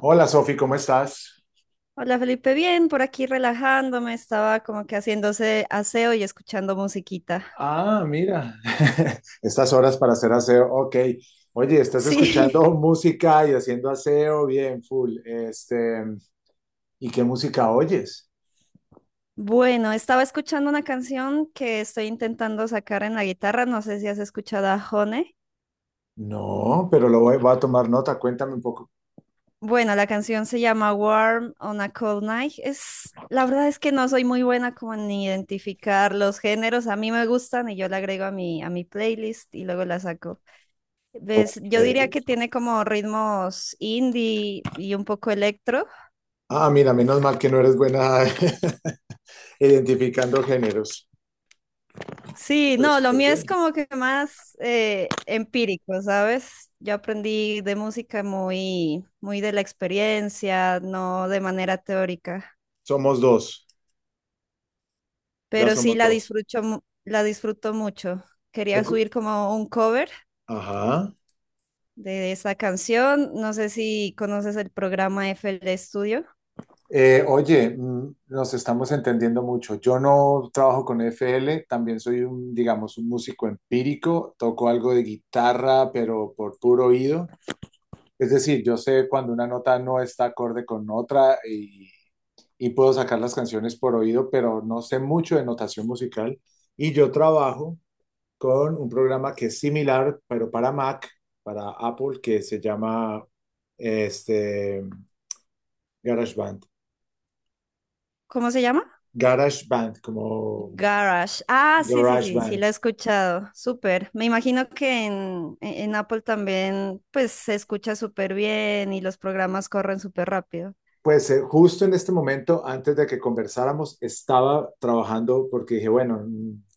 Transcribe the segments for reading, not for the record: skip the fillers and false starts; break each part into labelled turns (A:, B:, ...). A: Hola Sofi, ¿cómo estás?
B: Hola Felipe, bien, por aquí relajándome, estaba como que haciéndose aseo y escuchando musiquita.
A: Ah, mira, estas horas para hacer aseo, ok. Oye, estás
B: Sí,
A: escuchando música y haciendo aseo, bien, full. ¿Y qué música oyes?
B: bueno, estaba escuchando una canción que estoy intentando sacar en la guitarra, no sé si has escuchado a Hone.
A: No, pero voy a tomar nota, cuéntame un poco.
B: Bueno, la canción se llama Warm on a Cold Night. Es, la verdad es que no soy muy buena como en identificar los géneros, a mí me gustan y yo la agrego a a mi playlist y luego la saco. ¿Ves?
A: Ok.
B: Yo diría que tiene como ritmos indie y un poco electro.
A: Ah, mira, menos mal que no eres buena identificando géneros.
B: Sí,
A: Súper,
B: no, lo
A: súper
B: mío es
A: bien.
B: como que más empírico, ¿sabes? Yo aprendí de música muy de la experiencia, no de manera teórica,
A: Somos dos, ya
B: pero sí
A: somos
B: la
A: dos.
B: disfruto, la disfruto mucho. Quería
A: Recu-
B: subir como un cover
A: Ajá.
B: de esa canción, no sé si conoces el programa FL Studio,
A: Oye, nos estamos entendiendo mucho. Yo no trabajo con F L. También soy un, digamos, un músico empírico, toco algo de guitarra, pero por puro oído. Es decir, yo sé cuando una nota no está acorde con otra y puedo sacar las canciones por oído, pero no sé mucho de notación musical. Y yo trabajo con un programa que es similar, pero para Mac, para Apple, que se llama este, GarageBand.
B: ¿cómo se llama?
A: GarageBand, como
B: Garage. Ah, sí, sí, sí, sí, la
A: GarageBand.
B: he escuchado. Súper. Me imagino que en Apple también, pues, se escucha súper bien y los programas corren súper rápido.
A: Pues justo en este momento, antes de que conversáramos, estaba trabajando porque dije, bueno,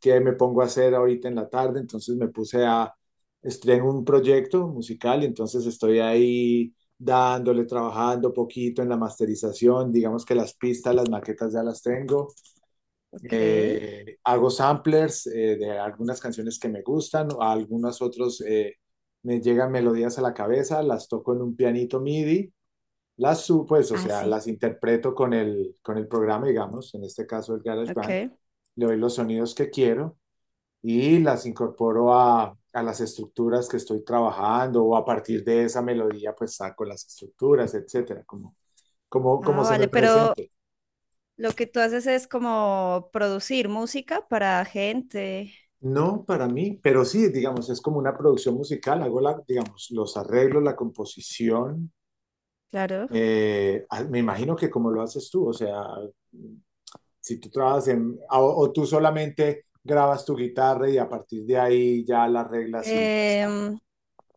A: ¿qué me pongo a hacer ahorita en la tarde? Estoy en un proyecto musical y entonces estoy ahí dándole, trabajando poquito en la masterización, digamos que las pistas, las maquetas ya las tengo.
B: Ok.
A: Hago samplers de algunas canciones que me gustan, a algunas otras me llegan melodías a la cabeza, las toco en un pianito MIDI. Pues, o
B: Ah,
A: sea,
B: sí.
A: las interpreto con el programa, digamos, en este caso el GarageBand,
B: Ok.
A: le doy los sonidos que quiero y las incorporo a las estructuras que estoy trabajando o a partir de esa melodía, pues saco las estructuras, etcétera, como, como, como
B: Ah,
A: se me
B: vale, pero
A: presente.
B: lo que tú haces es como producir música para gente,
A: No para mí, pero sí, digamos, es como una producción musical, hago la, digamos, los arreglos, la composición,
B: claro.
A: me imagino que como lo haces tú, o sea, si tú trabajas en, o tú solamente grabas tu guitarra y a partir de ahí ya las reglas y ya está.
B: Em,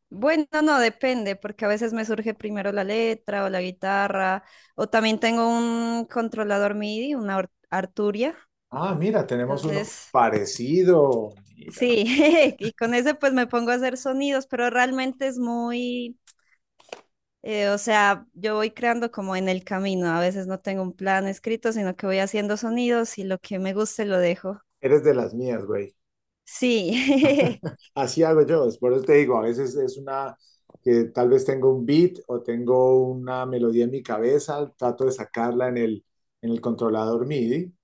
B: bueno, no, depende, porque a veces me surge primero la letra o la guitarra, o también tengo un controlador MIDI, una Arturia.
A: Ah, mira, tenemos uno
B: Entonces,
A: parecido. Mira,
B: sí, y con ese pues me pongo a hacer sonidos, pero realmente es muy, o sea, yo voy creando como en el camino, a veces no tengo un plan escrito, sino que voy haciendo sonidos y lo que me guste lo dejo.
A: eres de las mías, güey.
B: Sí,
A: Así hago yo, es por eso te digo, a veces es una que tal vez tengo un beat o tengo una melodía en mi cabeza, trato de sacarla en el controlador MIDI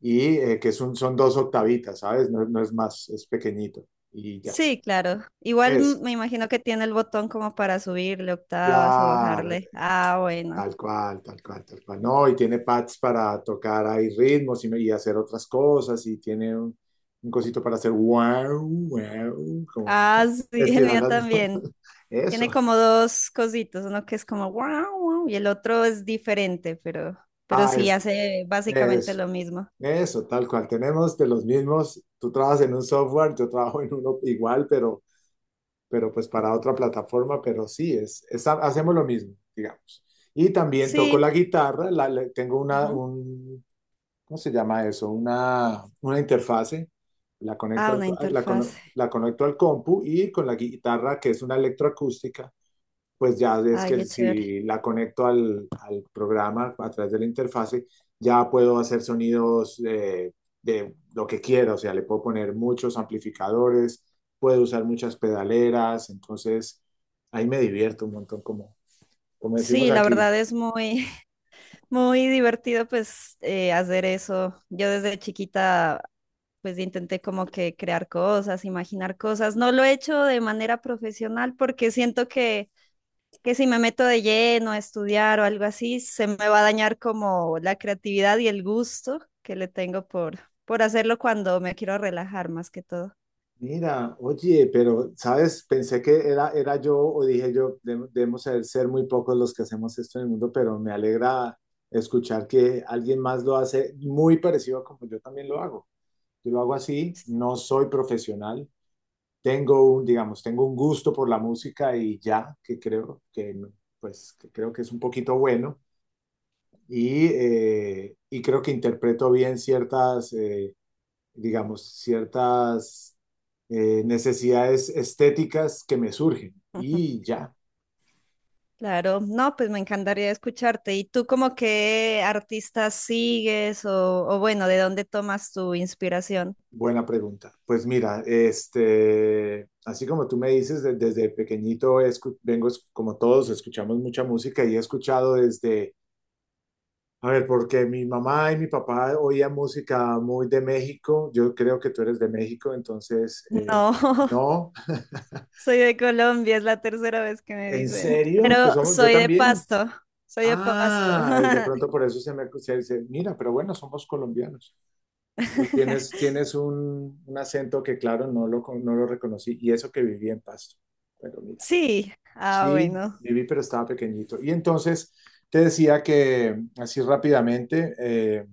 A: y que es un, son dos octavitas, ¿sabes? No, no es más, es pequeñito y ya.
B: sí, claro. Igual mm,
A: Es,
B: me imagino que tiene el botón como para subirle octavas o
A: claro,
B: bajarle. Ah, bueno.
A: tal cual, tal cual, tal cual. No, y tiene pads para tocar ahí ritmos y, y hacer otras cosas y tiene un cosito para hacer wow, wow, como
B: Ah, sí, el
A: estirar
B: mío
A: las notas.
B: también.
A: Eso.
B: Tiene como dos cositos, uno que es como wow, wow, y el otro es diferente, pero
A: Ah,
B: sí
A: es,
B: hace básicamente
A: eso,
B: lo mismo.
A: eso, tal cual. Tenemos de los mismos, tú trabajas en un software, yo trabajo en uno igual, pero pues para otra plataforma, pero sí, es hacemos lo mismo, digamos. Y también toco la
B: Sí.
A: guitarra, tengo una,
B: Ujú.
A: un ¿cómo se llama eso? Una interfase, la conecto
B: Ah,
A: al,
B: una interfaz.
A: la conecto al compu y con la guitarra, que es una electroacústica, pues ya es
B: Ay,
A: que
B: qué chévere.
A: si la conecto al, al programa a través de la interfase, ya puedo hacer sonidos de lo que quiera, o sea, le puedo poner muchos amplificadores, puedo usar muchas pedaleras, entonces ahí me divierto un montón, como, como decimos
B: Sí, la
A: aquí.
B: verdad es muy, muy divertido pues hacer eso. Yo desde chiquita pues intenté como que crear cosas, imaginar cosas. No lo he hecho de manera profesional porque siento que si me meto de lleno a estudiar o algo así, se me va a dañar como la creatividad y el gusto que le tengo por hacerlo cuando me quiero relajar más que todo.
A: Mira, oye, pero, ¿sabes? Pensé que era yo o dije yo, debemos ser muy pocos los que hacemos esto en el mundo, pero me alegra escuchar que alguien más lo hace muy parecido a como yo también lo hago. Yo lo hago así, no soy profesional, tengo un, digamos, tengo un gusto por la música y ya, que creo que, pues, que creo que es un poquito bueno y creo que interpreto bien ciertas... digamos, ciertas necesidades estéticas que me surgen. Y ya,
B: Claro, no, pues me encantaría escucharte. ¿Y tú como qué artistas sigues o bueno, de dónde tomas tu inspiración?
A: buena pregunta. Pues mira, así como tú me dices, desde pequeñito vengo, como todos, escuchamos mucha música y he escuchado desde, a ver, porque mi mamá y mi papá oían música muy de México. Yo creo que tú eres de México, entonces,
B: No,
A: no,
B: soy de Colombia, es la tercera vez que me
A: en
B: dicen,
A: serio,
B: pero
A: yo
B: soy de
A: también.
B: Pasto, soy de Pasto.
A: Ah, de pronto por eso se me se dice, mira, pero bueno, somos colombianos. Pero tienes, tienes un acento que, claro, no lo, no lo reconocí. Y eso que viví en Pasto. Pero mira,
B: Sí, ah,
A: sí,
B: bueno,
A: viví, pero estaba pequeñito. Y entonces te decía que, así rápidamente, eh,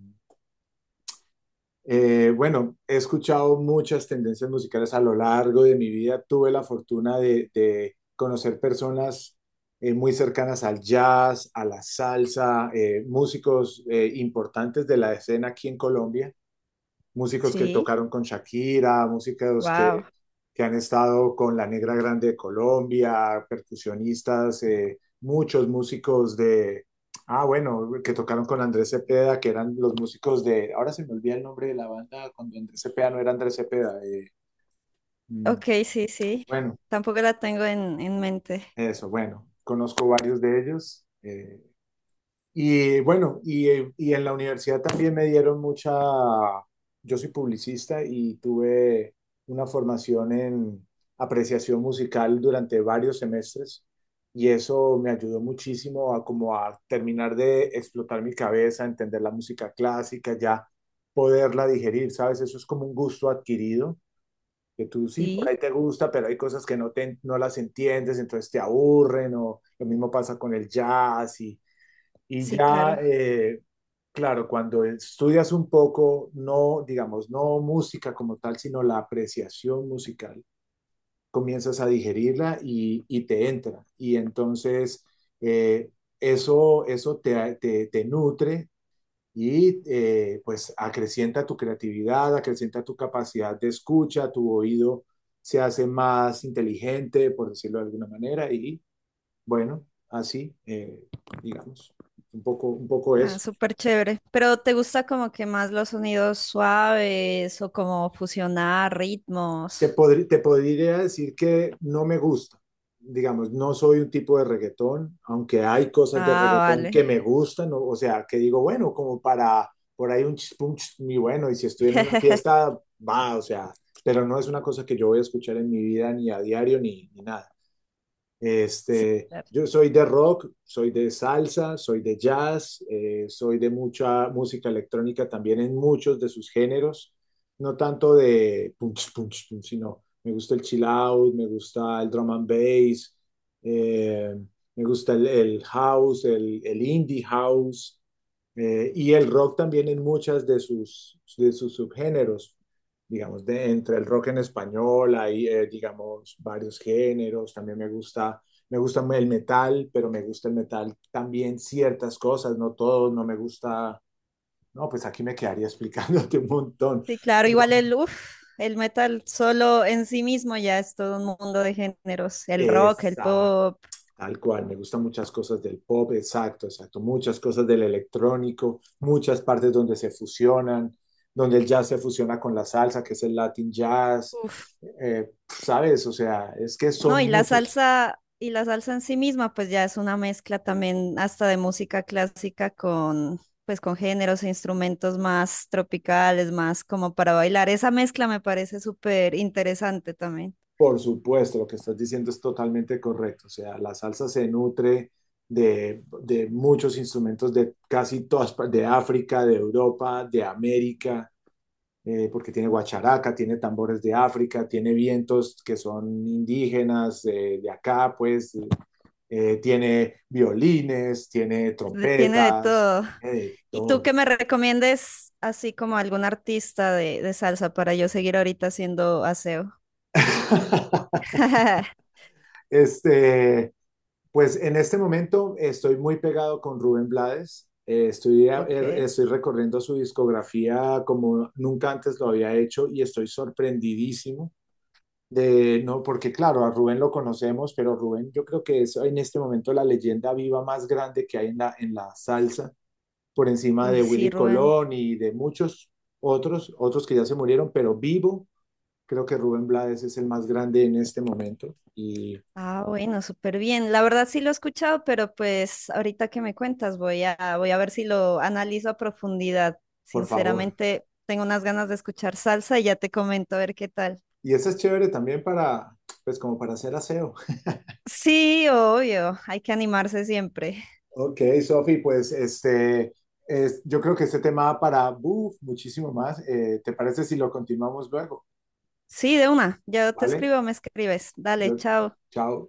A: eh, bueno, he escuchado muchas tendencias musicales a lo largo de mi vida. Tuve la fortuna de conocer personas muy cercanas al jazz, a la salsa, músicos importantes de la escena aquí en Colombia, músicos que
B: sí,
A: tocaron con Shakira, músicos
B: wow.
A: que han estado con la Negra Grande de Colombia, percusionistas, muchos músicos de, ah, bueno, que tocaron con Andrés Cepeda, que eran los músicos de, ahora se me olvida el nombre de la banda, cuando Andrés Cepeda no era Andrés Cepeda. Mm,
B: Ok, sí, sí,
A: bueno,
B: tampoco la tengo en mente.
A: eso, bueno, conozco varios de ellos. Y bueno, y en la universidad también me dieron mucha, yo soy publicista y tuve una formación en apreciación musical durante varios semestres y eso me ayudó muchísimo a como a terminar de explotar mi cabeza, entender la música clásica, ya poderla digerir, ¿sabes? Eso es como un gusto adquirido, que tú sí, por ahí
B: Sí.
A: te gusta, pero hay cosas que no, te, no las entiendes, entonces te aburren o lo mismo pasa con el jazz y
B: Sí,
A: ya,
B: claro.
A: claro, cuando estudias un poco, no, digamos, no música como tal, sino la apreciación musical, comienzas a digerirla y te entra. Y entonces eh, eso, eso te, te, te nutre y pues acrecienta tu creatividad, acrecienta tu capacidad de escucha, tu oído se hace más inteligente, por decirlo de alguna manera, y bueno, así, digamos, un poco
B: Ah,
A: eso.
B: súper chévere. Pero ¿te gusta como que más los sonidos suaves o como fusionar
A: Te,
B: ritmos?
A: te podría decir que no me gusta. Digamos, no soy un tipo de reggaetón, aunque hay cosas de
B: Ah,
A: reggaetón que
B: vale.
A: me gustan, o sea, que digo, bueno, como para por ahí un chispum, y bueno, y si estoy en una fiesta, va, o sea, pero no es una cosa que yo voy a escuchar en mi vida ni a diario ni, ni nada.
B: Sí,
A: Este,
B: claro.
A: yo soy de rock, soy de salsa, soy de jazz, soy de mucha música electrónica también en muchos de sus géneros, no tanto de punch, punch, punch, sino me gusta el chill out, me gusta el drum and bass, eh, me gusta el house, el indie house y el rock también en muchas de sus subgéneros, digamos, de, entre el rock en español, hay, digamos, varios géneros, también me gusta el metal, pero me gusta el metal también ciertas cosas, no todo, no me gusta, no, pues aquí me quedaría explicándote un montón,
B: Sí, claro.
A: pero
B: Igual el, uf, el metal solo en sí mismo ya es todo un mundo de géneros. El rock, el
A: esa,
B: pop.
A: tal cual, me gustan muchas cosas del pop, exacto, exacto, muchas cosas del electrónico, muchas partes donde se fusionan, donde el jazz se fusiona con la salsa, que es el Latin jazz,
B: Uf.
A: sabes, o sea, es que
B: No,
A: son muchos.
B: y la salsa en sí misma, pues ya es una mezcla también hasta de música clásica con, pues con géneros e instrumentos más tropicales, más como para bailar. Esa mezcla me parece súper interesante también.
A: Por supuesto, lo que estás diciendo es totalmente correcto. O sea, la salsa se nutre de muchos instrumentos de casi todas, de África, de Europa, de América, porque tiene guacharaca, tiene tambores de África, tiene vientos que son indígenas de acá, pues, tiene violines, tiene
B: De- Tiene de
A: trompetas,
B: todo.
A: tiene de
B: ¿Y tú
A: todo.
B: qué me recomiendes así como algún artista de salsa para yo seguir ahorita haciendo aseo?
A: Este, Pues en este momento estoy muy pegado con Rubén Blades. Estoy,
B: Ok.
A: estoy recorriendo su discografía como nunca antes lo había hecho y estoy sorprendidísimo de, no, porque claro, a Rubén lo conocemos, pero Rubén yo creo que es en este momento la leyenda viva más grande que hay en la salsa, por encima
B: Uy,
A: de
B: sí,
A: Willy
B: Rubén.
A: Colón y de muchos otros, otros que ya se murieron, pero vivo, creo que Rubén Blades es el más grande en este momento y
B: Ah, bueno, súper bien. La verdad sí lo he escuchado, pero pues ahorita que me cuentas voy a, voy a ver si lo analizo a profundidad.
A: por favor.
B: Sinceramente, tengo unas ganas de escuchar salsa y ya te comento a ver qué tal.
A: Y eso es chévere también para, pues como para hacer aseo.
B: Sí, obvio, hay que animarse siempre.
A: Ok, Sofi, pues yo creo que este tema da para uf, muchísimo más. ¿Te parece si lo continuamos luego?
B: Sí, de una, ya te
A: ¿Vale?
B: escribo, me escribes. Dale,
A: Yo,
B: chao.
A: chao.